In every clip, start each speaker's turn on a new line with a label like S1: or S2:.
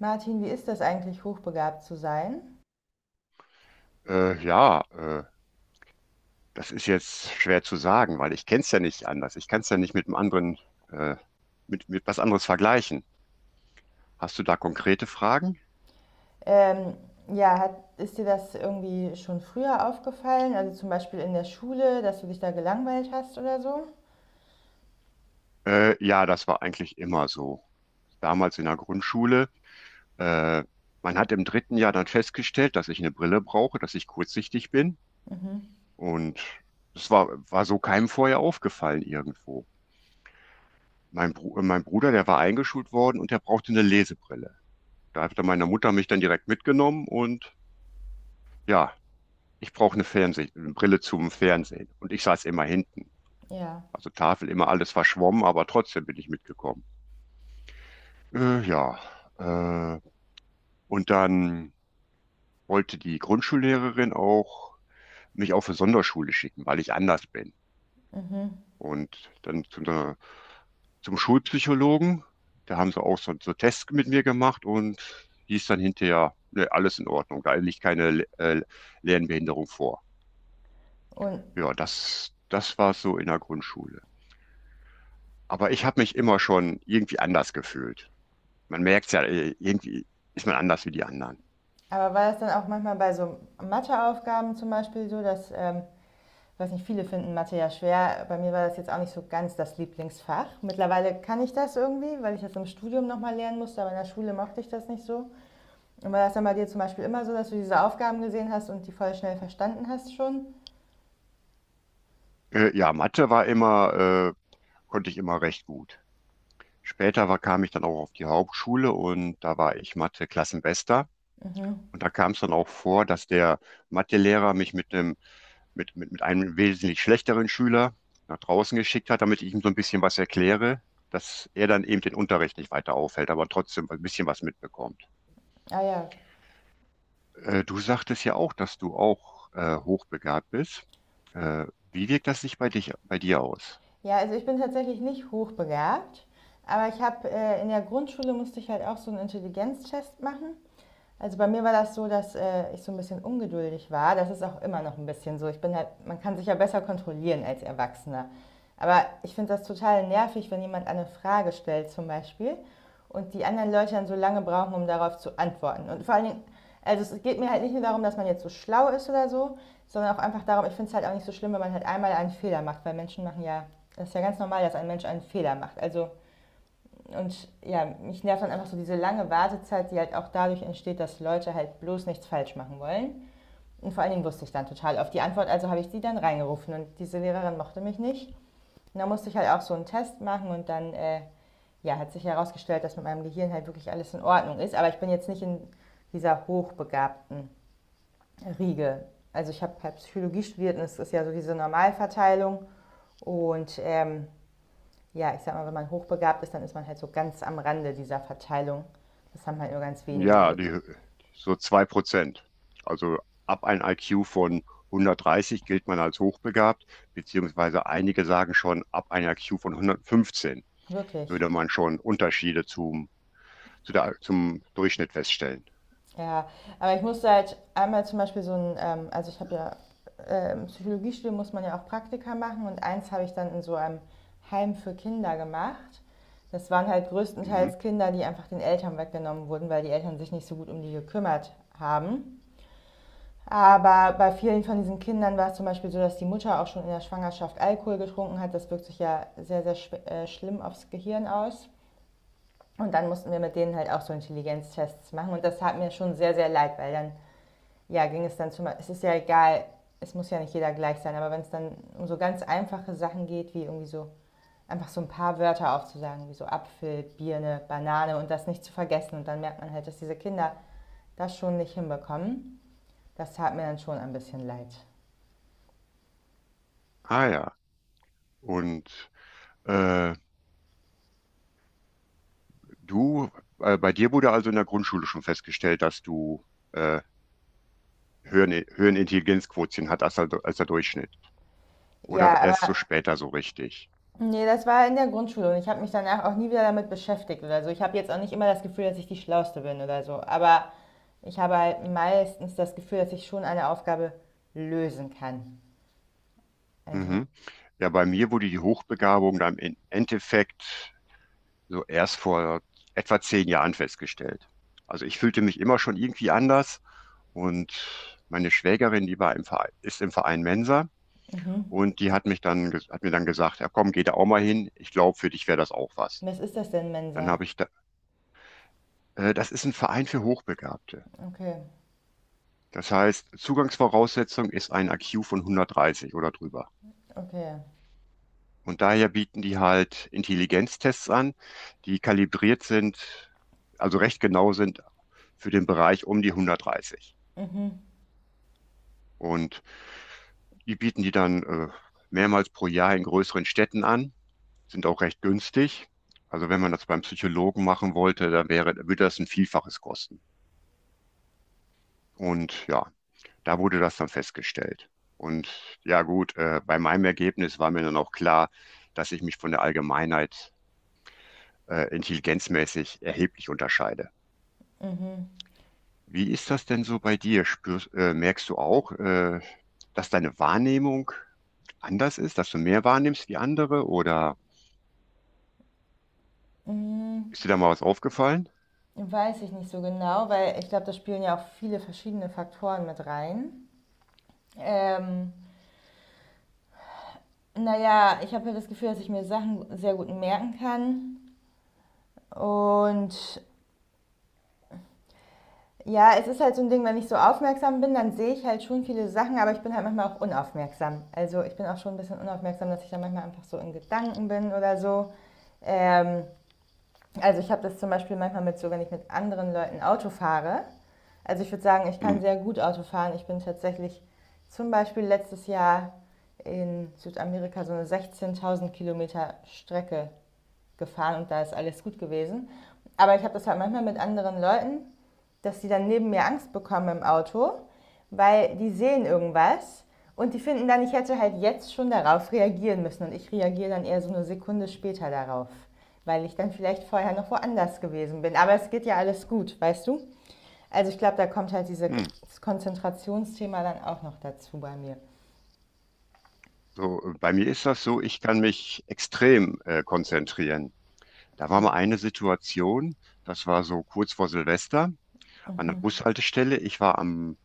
S1: Martin, wie ist das eigentlich, hochbegabt zu sein?
S2: Äh, ja, äh, Das ist jetzt schwer zu sagen, weil ich kenne es ja nicht anders. Ich kann es ja nicht mit einem äh, mit was anderes vergleichen. Hast du da konkrete Fragen?
S1: Ähm, ja, ist dir das irgendwie schon früher aufgefallen? Also zum Beispiel in der Schule, dass du dich da gelangweilt hast oder so?
S2: Ja, das war eigentlich immer so. Damals in der Grundschule, äh, man hat im dritten Jahr dann festgestellt, dass ich eine Brille brauche, dass ich kurzsichtig bin.
S1: Mhm.
S2: Und das war so keinem vorher aufgefallen irgendwo. Mein Bruder, der war eingeschult worden und der brauchte eine Lesebrille. Da hatte meine Mutter mich dann direkt mitgenommen und ja, ich brauche eine Fernseh eine Brille zum Fernsehen. Und ich saß immer hinten.
S1: Ja.
S2: Also Tafel immer alles verschwommen, aber trotzdem bin ich mitgekommen. Äh, ja, äh, und dann wollte die Grundschullehrerin auch mich auf eine Sonderschule schicken, weil ich anders bin.
S1: Mhm.
S2: Und dann zu zum Schulpsychologen, da haben sie auch so Tests mit mir gemacht und hieß dann hinterher, ne, alles in Ordnung, da liegt keine Lernbehinderung vor.
S1: Und
S2: Das war so in der Grundschule. Aber ich habe mich immer schon irgendwie anders gefühlt. Man merkt's ja, irgendwie ist man anders wie die anderen.
S1: aber war das dann auch manchmal bei so Matheaufgaben zum Beispiel so, dass, ich weiß nicht, viele finden Mathe ja schwer. Bei mir war das jetzt auch nicht so ganz das Lieblingsfach. Mittlerweile kann ich das irgendwie, weil ich das im Studium nochmal lernen musste, aber in der Schule mochte ich das nicht so. Und war das dann bei dir zum Beispiel immer so, dass du diese Aufgaben gesehen hast und die voll schnell verstanden hast schon?
S2: Ja, Mathe war immer, konnte ich immer recht gut. Kam ich dann auch auf die Hauptschule und da war ich Mathe-Klassenbester.
S1: Mhm.
S2: Und da kam es dann auch vor, dass der Mathelehrer mich mit mit einem wesentlich schlechteren Schüler nach draußen geschickt hat, damit ich ihm so ein bisschen was erkläre, dass er dann eben den Unterricht nicht weiter aufhält, aber trotzdem ein bisschen was mitbekommt.
S1: Ah ja.
S2: Du sagtest ja auch, dass du auch hochbegabt bist. Äh, Wie wirkt das sich bei dir aus?
S1: Ja, also ich bin tatsächlich nicht hochbegabt, aber ich habe in der Grundschule musste ich halt auch so einen Intelligenztest machen. Also bei mir war das so, dass ich so ein bisschen ungeduldig war. Das ist auch immer noch ein bisschen so. Ich bin halt, man kann sich ja besser kontrollieren als Erwachsener. Aber ich finde das total nervig, wenn jemand eine Frage stellt zum Beispiel und die anderen Leute dann so lange brauchen, um darauf zu antworten. Und vor allen Dingen, also es geht mir halt nicht nur darum, dass man jetzt so schlau ist oder so, sondern auch einfach darum, ich finde es halt auch nicht so schlimm, wenn man halt einmal einen Fehler macht, weil Menschen machen ja, das ist ja ganz normal, dass ein Mensch einen Fehler macht. Also und ja, mich nervt dann einfach so diese lange Wartezeit, die halt auch dadurch entsteht, dass Leute halt bloß nichts falsch machen wollen. Und vor allen Dingen wusste ich dann total auf die Antwort, also habe ich die dann reingerufen und diese Lehrerin mochte mich nicht. Und dann musste ich halt auch so einen Test machen und dann ja, hat sich herausgestellt, dass mit meinem Gehirn halt wirklich alles in Ordnung ist. Aber ich bin jetzt nicht in dieser hochbegabten Riege. Also ich habe halt Psychologie studiert und es ist ja so diese Normalverteilung. Und ja, ich sag mal, wenn man hochbegabt ist, dann ist man halt so ganz am Rande dieser Verteilung. Das haben halt nur ganz wenige,
S2: Ja,
S1: so
S2: so 2%. Also ab einem IQ von 130 gilt man als hochbegabt, beziehungsweise einige sagen schon, ab einem IQ von 115
S1: wirklich.
S2: würde man schon Unterschiede zum Durchschnitt feststellen.
S1: Ja, aber ich musste halt einmal zum Beispiel so ein, also ich habe ja im Psychologiestudium muss man ja auch Praktika machen und eins habe ich dann in so einem Heim für Kinder gemacht. Das waren halt
S2: Mhm.
S1: größtenteils Kinder, die einfach den Eltern weggenommen wurden, weil die Eltern sich nicht so gut um die gekümmert haben. Aber bei vielen von diesen Kindern war es zum Beispiel so, dass die Mutter auch schon in der Schwangerschaft Alkohol getrunken hat. Das wirkt sich ja sehr, sehr schlimm aufs Gehirn aus. Und dann mussten wir mit denen halt auch so Intelligenztests machen. Und das tat mir schon sehr, sehr leid, weil dann, ja, ging es dann es ist ja egal, es muss ja nicht jeder gleich sein, aber wenn es dann um so ganz einfache Sachen geht, wie irgendwie so einfach so ein paar Wörter aufzusagen, wie so Apfel, Birne, Banane und das nicht zu vergessen. Und dann merkt man halt, dass diese Kinder das schon nicht hinbekommen. Das tat mir dann schon ein bisschen leid.
S2: Ah ja. Und äh, du, bei dir wurde also in der Grundschule schon festgestellt, dass du äh, höheren Intelligenzquotient hat als als der Durchschnitt. Oder
S1: Ja, aber
S2: erst so später so richtig.
S1: nee, das war in der Grundschule und ich habe mich danach auch nie wieder damit beschäftigt oder so. Ich habe jetzt auch nicht immer das Gefühl, dass ich die Schlauste bin oder so, aber ich habe halt meistens das Gefühl, dass ich schon eine Aufgabe lösen kann. Also,
S2: Mhm. Ja, bei mir wurde die Hochbegabung dann im Endeffekt so erst vor etwa 10 Jahren festgestellt. Also ich fühlte mich immer schon irgendwie anders und meine Schwägerin, die war im Verein, ist im Verein Mensa
S1: mhm.
S2: und die hat mich hat mir dann gesagt, ja komm, geh da auch mal hin, ich glaube, für dich wäre das auch was.
S1: Was ist das denn,
S2: Dann
S1: Mensa?
S2: habe ich da, Das ist ein Verein für Hochbegabte.
S1: Okay,
S2: Das heißt, Zugangsvoraussetzung ist ein IQ von 130 oder drüber.
S1: okay.
S2: Und daher bieten die halt Intelligenztests an, die kalibriert sind, also recht genau sind für den Bereich um die 130.
S1: Mhm,
S2: Und die bieten die dann mehrmals pro Jahr in größeren Städten an, sind auch recht günstig. Also wenn man das beim Psychologen machen wollte, dann würde das ein Vielfaches kosten. Und ja, da wurde das dann festgestellt. Und ja gut, bei meinem Ergebnis war mir dann auch klar, dass ich mich von der Allgemeinheit intelligenzmäßig erheblich unterscheide.
S1: mhm.
S2: Wie ist das denn so bei dir? Merkst du auch, dass deine Wahrnehmung anders ist, dass du mehr wahrnimmst wie andere oder
S1: Mhm.
S2: ist dir da mal was aufgefallen?
S1: Weiß ich nicht so genau, weil ich glaube, da spielen ja auch viele verschiedene Faktoren mit rein. Ähm, naja, ich habe ja das Gefühl, dass ich mir Sachen sehr gut merken kann. Und ja, es ist halt so ein Ding, wenn ich so aufmerksam bin, dann sehe ich halt schon viele Sachen, aber ich bin halt manchmal auch unaufmerksam. Also ich bin auch schon ein bisschen unaufmerksam, dass ich dann manchmal einfach so in Gedanken bin oder so. Ähm, also ich habe das zum Beispiel manchmal mit so, wenn ich mit anderen Leuten Auto fahre. Also ich würde sagen, ich
S2: Hm.
S1: kann sehr gut Auto fahren. Ich bin tatsächlich zum Beispiel letztes Jahr in Südamerika so eine 16.000 Kilometer Strecke gefahren und da ist alles gut gewesen. Aber ich habe das halt manchmal mit anderen Leuten, dass die dann neben mir Angst bekommen im Auto, weil die sehen irgendwas und die finden dann, ich hätte halt jetzt schon darauf reagieren müssen und ich reagiere dann eher so eine Sekunde später darauf, weil ich dann vielleicht vorher noch woanders gewesen bin. Aber es geht ja alles gut, weißt du? Also ich glaube, da kommt halt dieses
S2: Hm.
S1: Konzentrationsthema dann auch noch dazu bei mir.
S2: Bei mir ist das so, ich kann mich extrem konzentrieren. Da war mal eine Situation, das war so kurz vor Silvester an der Bushaltestelle. Ich war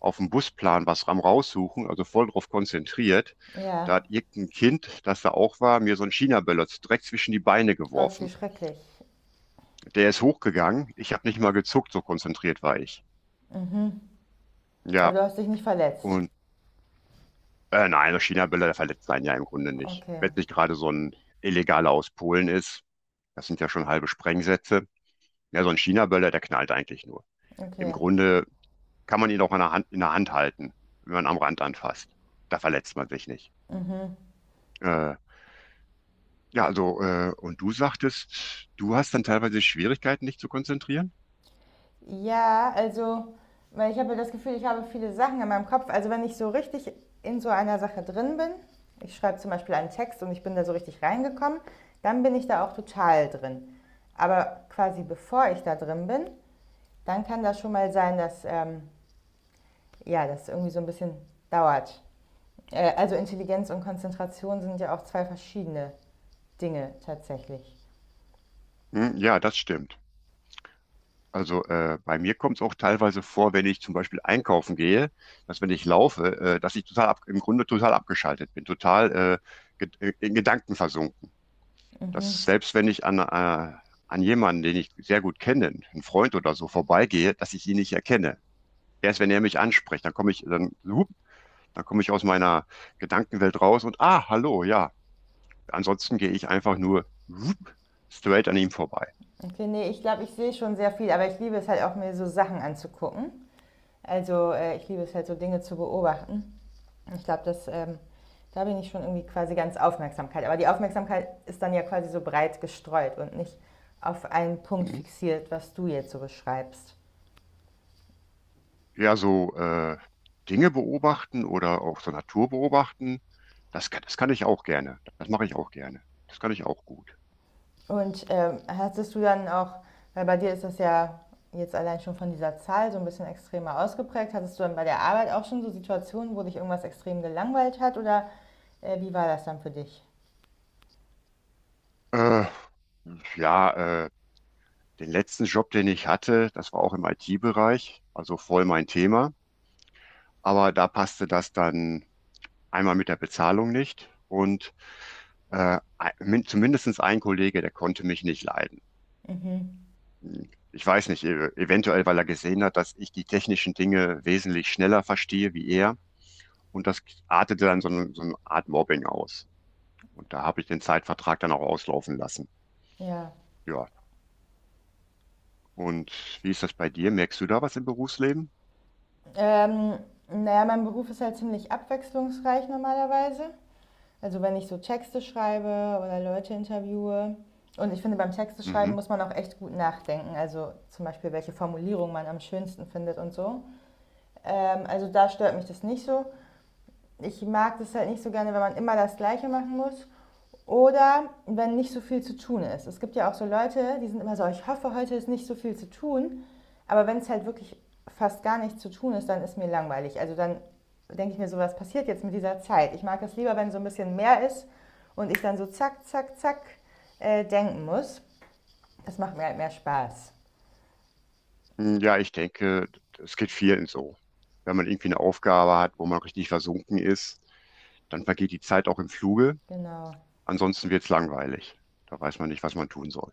S2: auf dem Busplan was am raussuchen, also voll drauf konzentriert. Da
S1: Ja,
S2: hat irgendein Kind, das da auch war, mir so ein China-Böller direkt zwischen die Beine
S1: Gott, wie
S2: geworfen.
S1: schrecklich.
S2: Der ist hochgegangen. Ich habe nicht mal gezuckt, so konzentriert war ich.
S1: Mhm. Aber
S2: Ja,
S1: du hast dich nicht verletzt.
S2: und nein, der China-Böller, der verletzt einen ja im Grunde nicht.
S1: Okay.
S2: Wenn es nicht gerade so ein illegaler aus Polen ist, das sind ja schon halbe Sprengsätze. Ja, so ein China-Böller, der knallt eigentlich nur. Im
S1: Okay.
S2: Grunde kann man ihn auch in in der Hand halten, wenn man am Rand anfasst. Da verletzt man sich nicht.
S1: Mhm.
S2: Äh, und du sagtest, du hast dann teilweise Schwierigkeiten, dich zu konzentrieren?
S1: Ja, also, weil ich habe das Gefühl, ich habe viele Sachen in meinem Kopf. Also wenn ich so richtig in so einer Sache drin bin, ich schreibe zum Beispiel einen Text und ich bin da so richtig reingekommen, dann bin ich da auch total drin. Aber quasi bevor ich da drin bin, dann kann das schon mal sein, dass ja, das irgendwie so ein bisschen dauert. Also Intelligenz und Konzentration sind ja auch zwei verschiedene Dinge tatsächlich.
S2: Hm, ja, das stimmt. Also bei mir kommt es auch teilweise vor, wenn ich zum Beispiel einkaufen gehe, dass wenn ich laufe, dass ich im Grunde total abgeschaltet bin, total in Gedanken versunken. Dass selbst wenn ich an jemanden, den ich sehr gut kenne, einen Freund oder so, vorbeigehe, dass ich ihn nicht erkenne. Erst wenn er mich anspricht, dann hup, dann komme ich aus meiner Gedankenwelt raus und ah, hallo, ja. Ansonsten gehe ich einfach nur hup, straight an ihm vorbei.
S1: Okay, nee, ich glaube, ich sehe schon sehr viel, aber ich liebe es halt auch, mir so Sachen anzugucken. Also ich liebe es halt, so Dinge zu beobachten. Ich glaube, das, da bin ich schon irgendwie quasi ganz Aufmerksamkeit. Aber die Aufmerksamkeit ist dann ja quasi so breit gestreut und nicht auf einen Punkt
S2: Mhm.
S1: fixiert, was du jetzt so beschreibst.
S2: Ja, Dinge beobachten oder auch so Natur beobachten, das kann ich auch gerne. Das mache ich auch gerne. Das kann ich auch gut.
S1: Und hattest du dann auch, weil bei dir ist das ja jetzt allein schon von dieser Zahl so ein bisschen extremer ausgeprägt, hattest du dann bei der Arbeit auch schon so Situationen, wo dich irgendwas extrem gelangweilt hat oder wie war das dann für dich?
S2: Äh, ja, äh, Den letzten Job, den ich hatte, das war auch im IT-Bereich, also voll mein Thema. Aber da passte das dann einmal mit der Bezahlung nicht und äh, zumindest ein Kollege, der konnte mich nicht leiden.
S1: Mhm.
S2: Ich weiß nicht, eventuell, weil er gesehen hat, dass ich die technischen Dinge wesentlich schneller verstehe wie er. Und das artete dann so so eine Art Mobbing aus. Und da habe ich den Zeitvertrag dann auch auslaufen lassen.
S1: Ja.
S2: Ja. Und wie ist das bei dir? Merkst du da was im Berufsleben?
S1: Ähm, naja, mein Beruf ist halt ziemlich abwechslungsreich normalerweise. Also wenn ich so Texte schreibe oder Leute interviewe. Und ich finde, beim Texteschreiben
S2: Mhm.
S1: muss man auch echt gut nachdenken. Also zum Beispiel, welche Formulierung man am schönsten findet und so. Also da stört mich das nicht so. Ich mag das halt nicht so gerne, wenn man immer das Gleiche machen muss. Oder wenn nicht so viel zu tun ist. Es gibt ja auch so Leute, die sind immer so, ich hoffe, heute ist nicht so viel zu tun. Aber wenn es halt wirklich fast gar nichts zu tun ist, dann ist mir langweilig. Also dann denke ich mir so, was passiert jetzt mit dieser Zeit? Ich mag es lieber, wenn so ein bisschen mehr ist und ich dann so zack, zack, zack denken muss. Das macht mir halt mehr Spaß.
S2: Ja, ich denke, es geht vielen so. Wenn man irgendwie eine Aufgabe hat, wo man richtig versunken ist, dann vergeht die Zeit auch im Fluge.
S1: Genau.
S2: Ansonsten wird es langweilig. Da weiß man nicht, was man tun soll.